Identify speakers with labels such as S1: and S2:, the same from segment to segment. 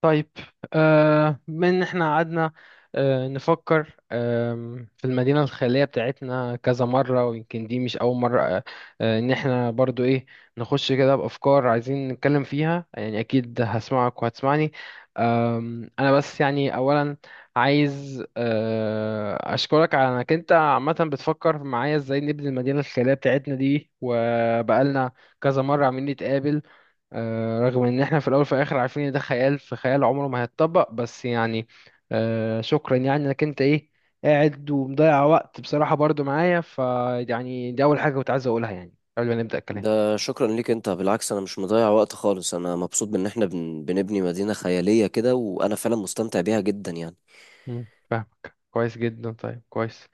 S1: طيب. بما ان احنا قعدنا نفكر في المدينة الخيالية بتاعتنا كذا مرة، ويمكن دي مش أول مرة. إن احنا برضو إيه، نخش كده بأفكار عايزين نتكلم فيها. يعني أكيد هسمعك وهتسمعني. أنا بس يعني أولا عايز أشكرك على إنك أنت عامة بتفكر معايا إزاي نبني المدينة الخيالية بتاعتنا دي، وبقالنا كذا مرة عاملين نتقابل. رغم ان احنا في الاول وفي الاخر عارفين ان ده خيال في خيال عمره ما هيتطبق، بس يعني شكرا يعني انك انت ايه قاعد ومضيع وقت بصراحة برضو معايا. فيعني دي اول حاجة كنت عايز اقولها يعني قبل ما نبدأ الكلام.
S2: ده شكرا ليك انت، بالعكس. انا مش مضيع وقت خالص، انا مبسوط بان احنا بنبني مدينة خيالية كده، وانا فعلا مستمتع بيها جدا يعني.
S1: مم. كويس جدا، طيب كويس.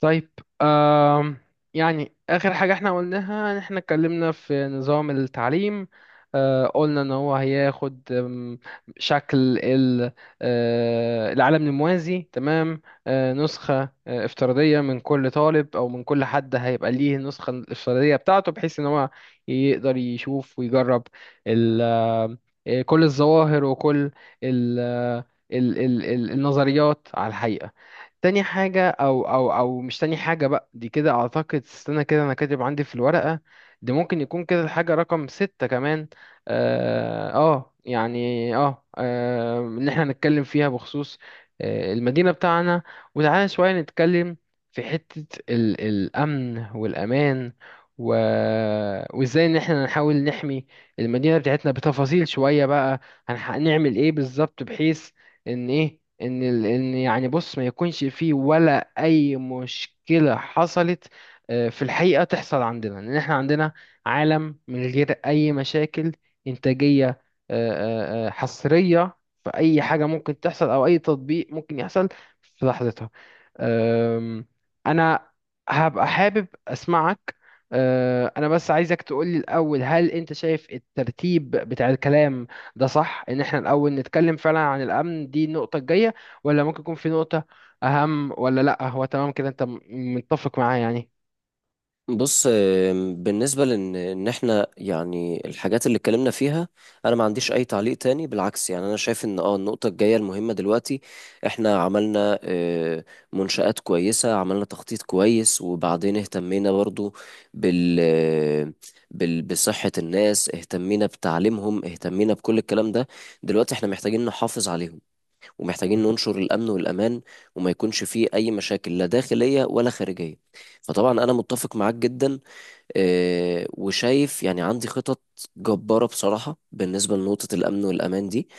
S1: طيب. آم يعني آخر حاجة احنا قلناها إن احنا اتكلمنا في نظام التعليم. قلنا ان هو هياخد شكل العالم الموازي. تمام. نسخة افتراضية من كل طالب او من كل حد، هيبقى ليه النسخة الافتراضية بتاعته بحيث ان هو يقدر يشوف ويجرب ال- كل الظواهر وكل ال- آه، النظريات على الحقيقة. تاني حاجة أو أو أو مش تاني حاجة بقى، دي كده أعتقد، استنى كده، أنا كاتب عندي في الورقة دي ممكن يكون كده الحاجة رقم ستة كمان. يعني إن إحنا نتكلم فيها بخصوص المدينة بتاعنا. وتعالى شوية نتكلم في حتة الأمن والأمان. و... وإزاي إن إحنا نحاول نحمي المدينة بتاعتنا بتفاصيل شوية بقى. هنعمل إيه بالظبط، بحيث ان ايه، ان ال... ان يعني بص ما يكونش فيه ولا اي مشكلة حصلت في الحقيقة تحصل عندنا. ان احنا عندنا عالم من غير اي مشاكل انتاجية، آه، حصرية، في اي حاجة ممكن تحصل او اي تطبيق ممكن يحصل في لحظتها. أم، انا هبقى حابب اسمعك. انا بس عايزك تقولي الاول، هل انت شايف الترتيب بتاع الكلام ده صح؟ ان احنا الاول نتكلم فعلا عن الامن، دي النقطه الجايه؟ ولا ممكن يكون في نقطه اهم؟ ولا لا هو تمام كده، انت متفق معايا يعني؟
S2: بص، بالنسبة لإن إحنا يعني الحاجات اللي اتكلمنا فيها، أنا ما عنديش أي تعليق تاني بالعكس. يعني أنا شايف إن النقطة الجاية المهمة دلوقتي، إحنا عملنا منشآت كويسة، عملنا تخطيط كويس، وبعدين اهتمينا برضو بال بال بصحة الناس، اهتمينا بتعليمهم، اهتمينا بكل الكلام ده. دلوقتي إحنا محتاجين نحافظ عليهم، ومحتاجين ننشر الأمن والأمان، وما يكونش فيه أي مشاكل لا داخلية ولا خارجية. فطبعا أنا متفق معاك جدا، وشايف يعني عندي خطط جبارة بصراحة بالنسبة لنقطة الأمن والأمان دي.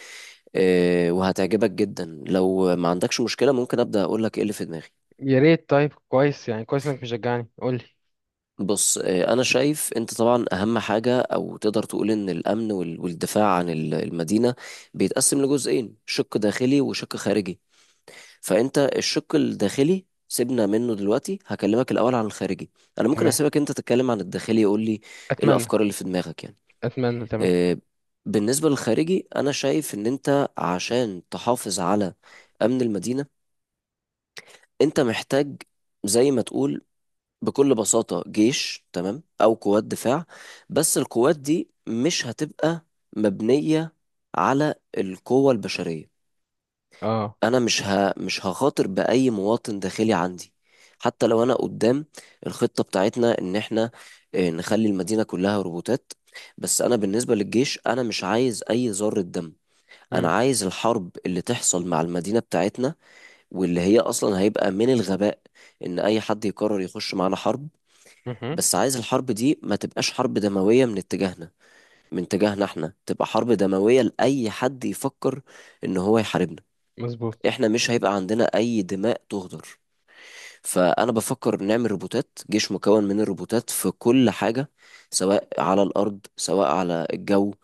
S2: وهتعجبك جدا، لو ما عندكش مشكلة ممكن أبدأ أقول لك إيه اللي في دماغي.
S1: يا ريت. طيب كويس يعني، كويس انك مشجعني، قول لي.
S2: بص، أنا شايف أنت طبعا أهم حاجة، أو تقدر تقول إن الأمن والدفاع عن المدينة بيتقسم لجزئين: شق داخلي وشق خارجي. فانت الشق الداخلي سيبنا منه دلوقتي، هكلمك الاول عن الخارجي، انا ممكن
S1: تمام.
S2: اسيبك انت تتكلم عن الداخلي، يقول لي ايه
S1: اتمنى،
S2: الافكار اللي في دماغك يعني.
S1: اتمنى. تمام.
S2: آه، بالنسبه للخارجي، انا شايف ان انت عشان تحافظ على امن المدينه، انت محتاج زي ما تقول بكل بساطه جيش، تمام، او قوات دفاع. بس القوات دي مش هتبقى مبنيه على القوه البشريه.
S1: اه.
S2: انا مش هخاطر باي مواطن داخلي عندي، حتى لو انا قدام الخطة بتاعتنا ان احنا نخلي المدينة كلها روبوتات. بس انا بالنسبة للجيش انا مش عايز اي ذرة دم. انا
S1: امم.
S2: عايز الحرب اللي تحصل مع المدينة بتاعتنا، واللي هي اصلا هيبقى من الغباء ان اي حد يقرر يخش معانا حرب، بس عايز الحرب دي ما تبقاش حرب دموية من اتجاهنا. من اتجاهنا احنا تبقى حرب دموية لأي حد يفكر ان هو يحاربنا.
S1: مظبوط.
S2: احنا مش هيبقى عندنا اي دماء تهدر. فانا بفكر نعمل روبوتات، جيش مكون من الروبوتات في كل حاجة، سواء على الارض سواء على الجو،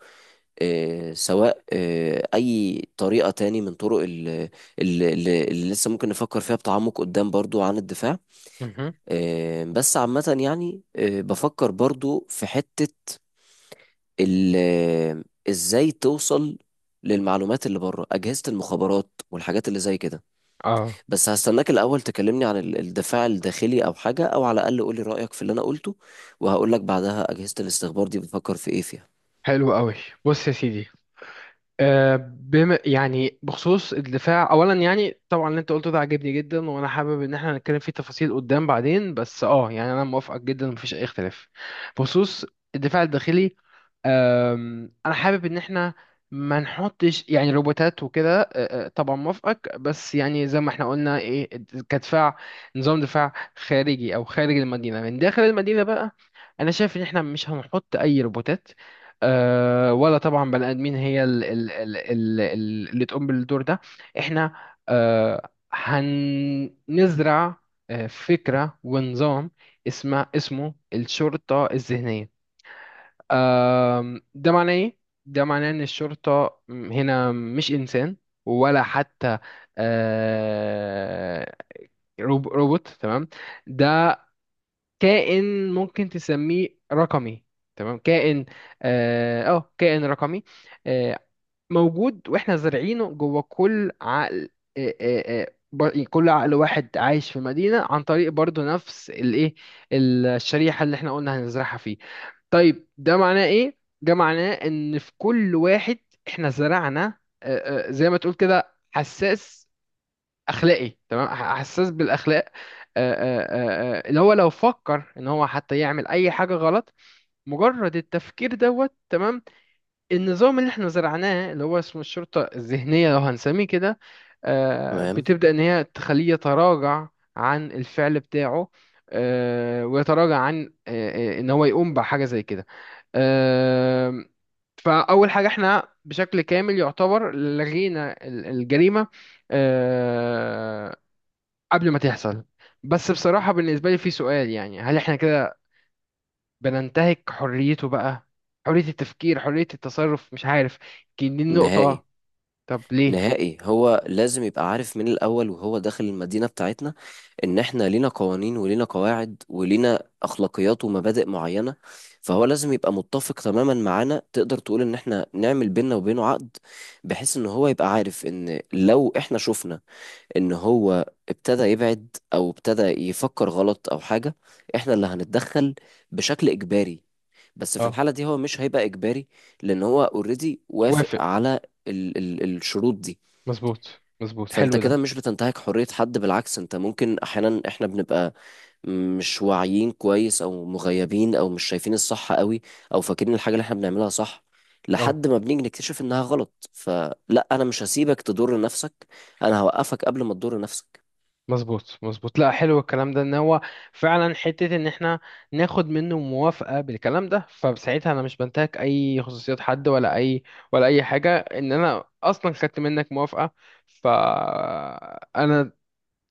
S2: سواء اي طريقة تاني من طرق اللي لسه ممكن نفكر فيها بتعمق قدام برضو عن الدفاع.
S1: مهم.
S2: بس عامة يعني بفكر برضو في حتة ال- آه، ازاي توصل للمعلومات اللي بره، أجهزة المخابرات والحاجات اللي زي كده.
S1: اه.
S2: بس هستناك الأول تكلمني عن الدفاع الداخلي أو حاجة، أو على الأقل قولي رأيك في اللي أنا قلته، وهقول لك بعدها أجهزة الاستخبار دي بفكر في إيه فيها.
S1: حلو قوي. بص يا سيدي. بما يعني بخصوص الدفاع اولا، يعني طبعا اللي انت قلته ده عجبني جدا، وانا حابب ان احنا نتكلم فيه تفاصيل قدام بعدين. بس اه يعني انا موافقك جدا، مفيش اي اختلاف. بخصوص الدفاع الداخلي، انا حابب ان احنا ما نحطش يعني روبوتات وكده. أه، أه، طبعا موافقك. بس يعني زي ما احنا قلنا ايه، كدفاع، نظام دفاع خارجي او خارج المدينه من داخل المدينه بقى، انا شايف ان احنا مش هنحط اي روبوتات ولا طبعا بني ادمين هي اللي تقوم بالدور ده. احنا هنزرع فكره ونظام اسمه الشرطه الذهنيه. ده معناه ايه؟ ده معناه ان الشرطة هنا مش انسان، ولا حتى آه، روبوت. تمام. ده كائن ممكن تسميه رقمي، تمام، كائن اه كائن رقمي آه، موجود، واحنا زارعينه جوه كل عقل. كل عقل واحد عايش في مدينة، عن طريق برضو نفس الايه، الشريحة اللي احنا قلنا هنزرعها فيه. طيب ده معناه ايه؟ ده معناه ان في كل واحد احنا زرعنا زي ما تقول كده حساس اخلاقي، تمام، حساس بالاخلاق. اللي هو لو فكر ان هو حتى يعمل اي حاجة غلط، مجرد التفكير دوت، تمام، النظام اللي احنا زرعناه اللي هو اسمه الشرطة الذهنية لو هنسميه كده،
S2: تمام.
S1: بتبدأ إن هي تخليه يتراجع عن الفعل بتاعه ويتراجع عن إن هو يقوم بحاجة زي كده. آه، فأول حاجة احنا بشكل كامل يعتبر لغينا الجريمة آه، قبل ما تحصل. بس بصراحة بالنسبة لي في سؤال، يعني هل احنا كده بننتهك حريته بقى؟ حرية التفكير، حرية التصرف، مش عارف، يمكن دي
S2: نهائي،
S1: النقطة. طب ليه؟
S2: نهائي. هو لازم يبقى عارف من الأول وهو داخل المدينة بتاعتنا إن إحنا لينا قوانين ولينا قواعد ولينا أخلاقيات ومبادئ معينة. فهو لازم يبقى متفق تماما معانا. تقدر تقول إن إحنا نعمل بيننا وبينه عقد، بحيث إن هو يبقى عارف إن لو إحنا شفنا ان هو ابتدى يبعد او ابتدى يفكر غلط او حاجة، احنا اللي هنتدخل بشكل اجباري. بس في
S1: اه.
S2: الحالة دي هو مش هيبقى اجباري، لان هو اوريدي وافق
S1: وافق.
S2: على ال الشروط دي.
S1: مظبوط، مظبوط.
S2: فانت
S1: حلو ده.
S2: كده مش بتنتهك حرية حد، بالعكس. انت ممكن احيانا، احنا بنبقى مش واعيين كويس او مغيبين او مش شايفين الصح قوي، او فاكرين الحاجة اللي احنا بنعملها صح
S1: اه.
S2: لحد ما بنيجي نكتشف انها غلط. فلا، انا مش هسيبك تضر نفسك، انا هوقفك قبل ما تضر نفسك.
S1: مظبوط، مظبوط. لا، حلو الكلام ده، ان هو فعلا حتة ان احنا ناخد منه موافقة بالكلام ده، فساعتها انا مش بنتهك اي خصوصيات حد ولا اي، ولا اي حاجة، ان انا اصلا خدت منك موافقة. فانا،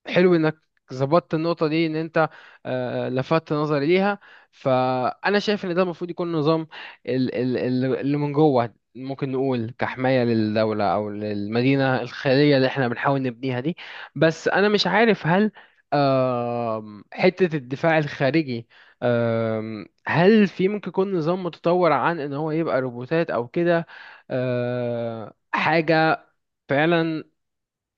S1: حلو انك ظبطت النقطة دي، ان انت لفتت نظري ليها. فانا شايف ان ده المفروض يكون نظام اللي من جوه، ممكن نقول كحماية للدولة او للمدينة الخيرية اللي احنا بنحاول نبنيها دي. بس انا مش عارف هل حتة الدفاع الخارجي، هل في ممكن يكون نظام متطور عن ان هو يبقى روبوتات او كده، حاجة فعلا،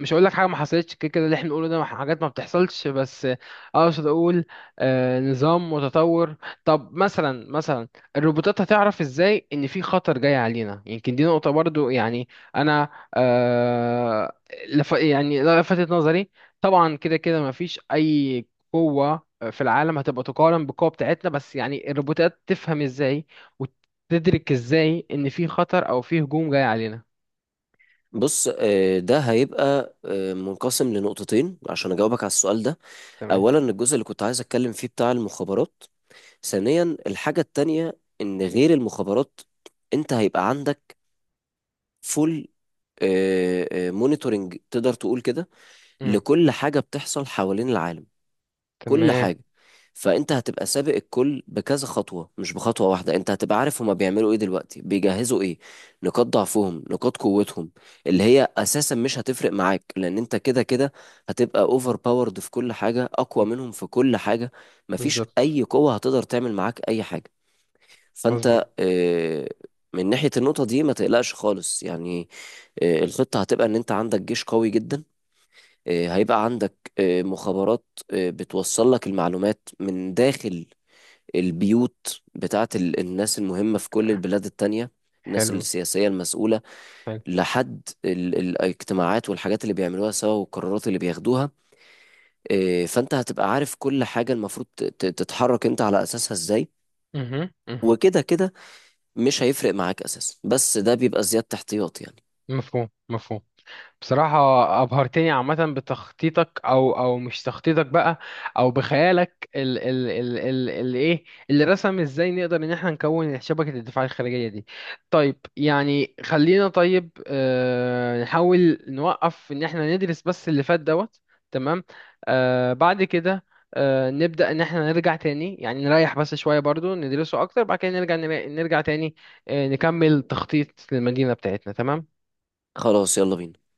S1: مش هقول لك حاجه ما حصلتش، كده كده اللي احنا بنقوله ده حاجات ما بتحصلش، بس اقصد اقول نظام متطور. طب مثلا، مثلا الروبوتات هتعرف ازاي ان في خطر جاي علينا؟ يمكن دي نقطه برضو يعني، انا آه لف يعني لفتت نظري. طبعا كده كده ما فيش اي قوه في العالم هتبقى تقارن بالقوه بتاعتنا، بس يعني الروبوتات تفهم ازاي وتدرك ازاي ان في خطر او في هجوم جاي علينا؟
S2: بص، ده هيبقى منقسم لنقطتين عشان اجاوبك على السؤال ده.
S1: تمام.
S2: اولا، الجزء اللي كنت عايز اتكلم فيه بتاع المخابرات. ثانيا، الحاجة التانية ان غير المخابرات، انت هيبقى عندك فول مونيتورنج تقدر تقول كده،
S1: امم.
S2: لكل حاجة بتحصل حوالين العالم، كل
S1: تمام.
S2: حاجة. فأنت هتبقى سابق الكل بكذا خطوة، مش بخطوة واحدة. أنت هتبقى عارف هما بيعملوا إيه دلوقتي، بيجهزوا إيه، نقاط ضعفهم نقاط قوتهم، اللي هي أساسا مش هتفرق معاك، لأن أنت كده كده هتبقى أوفر باورد في كل حاجة، أقوى منهم في كل حاجة. مفيش
S1: بالظبط.
S2: أي قوة هتقدر تعمل معاك أي حاجة.
S1: مظبوط.
S2: فأنت من ناحية النقطة دي ما تقلقش خالص يعني. الخطة هتبقى إن أنت عندك جيش قوي جدا، هيبقى عندك مخابرات بتوصل لك المعلومات من داخل البيوت بتاعت الناس المهمة في كل البلاد التانية، الناس
S1: حلو.
S2: السياسية المسؤولة،
S1: حلو.
S2: لحد الاجتماعات والحاجات اللي بيعملوها سوا والقرارات اللي بياخدوها. فانت هتبقى عارف كل حاجة المفروض تتحرك انت على اساسها ازاي.
S1: مهم. مهم.
S2: وكده كده مش هيفرق معاك اساسا، بس ده بيبقى زيادة احتياط يعني.
S1: مفهوم. مفهوم. بصراحة أبهرتني، عامة بتخطيطك أو أو مش تخطيطك بقى، أو بخيالك ال ال ال ال ال إيه اللي رسم إزاي نقدر إن إحنا نكون شبكة الدفاع الخارجية دي. طيب يعني خلينا، طيب نحاول نوقف إن إحنا ندرس بس اللي فات دوت. تمام. بعد كده نبدأ إن إحنا نرجع تاني، يعني نريح بس شوية برضو ندرسه أكتر، بعد كده نرجع تاني نكمل تخطيط للمدينة بتاعتنا. تمام.
S2: خلاص، يلا بينا.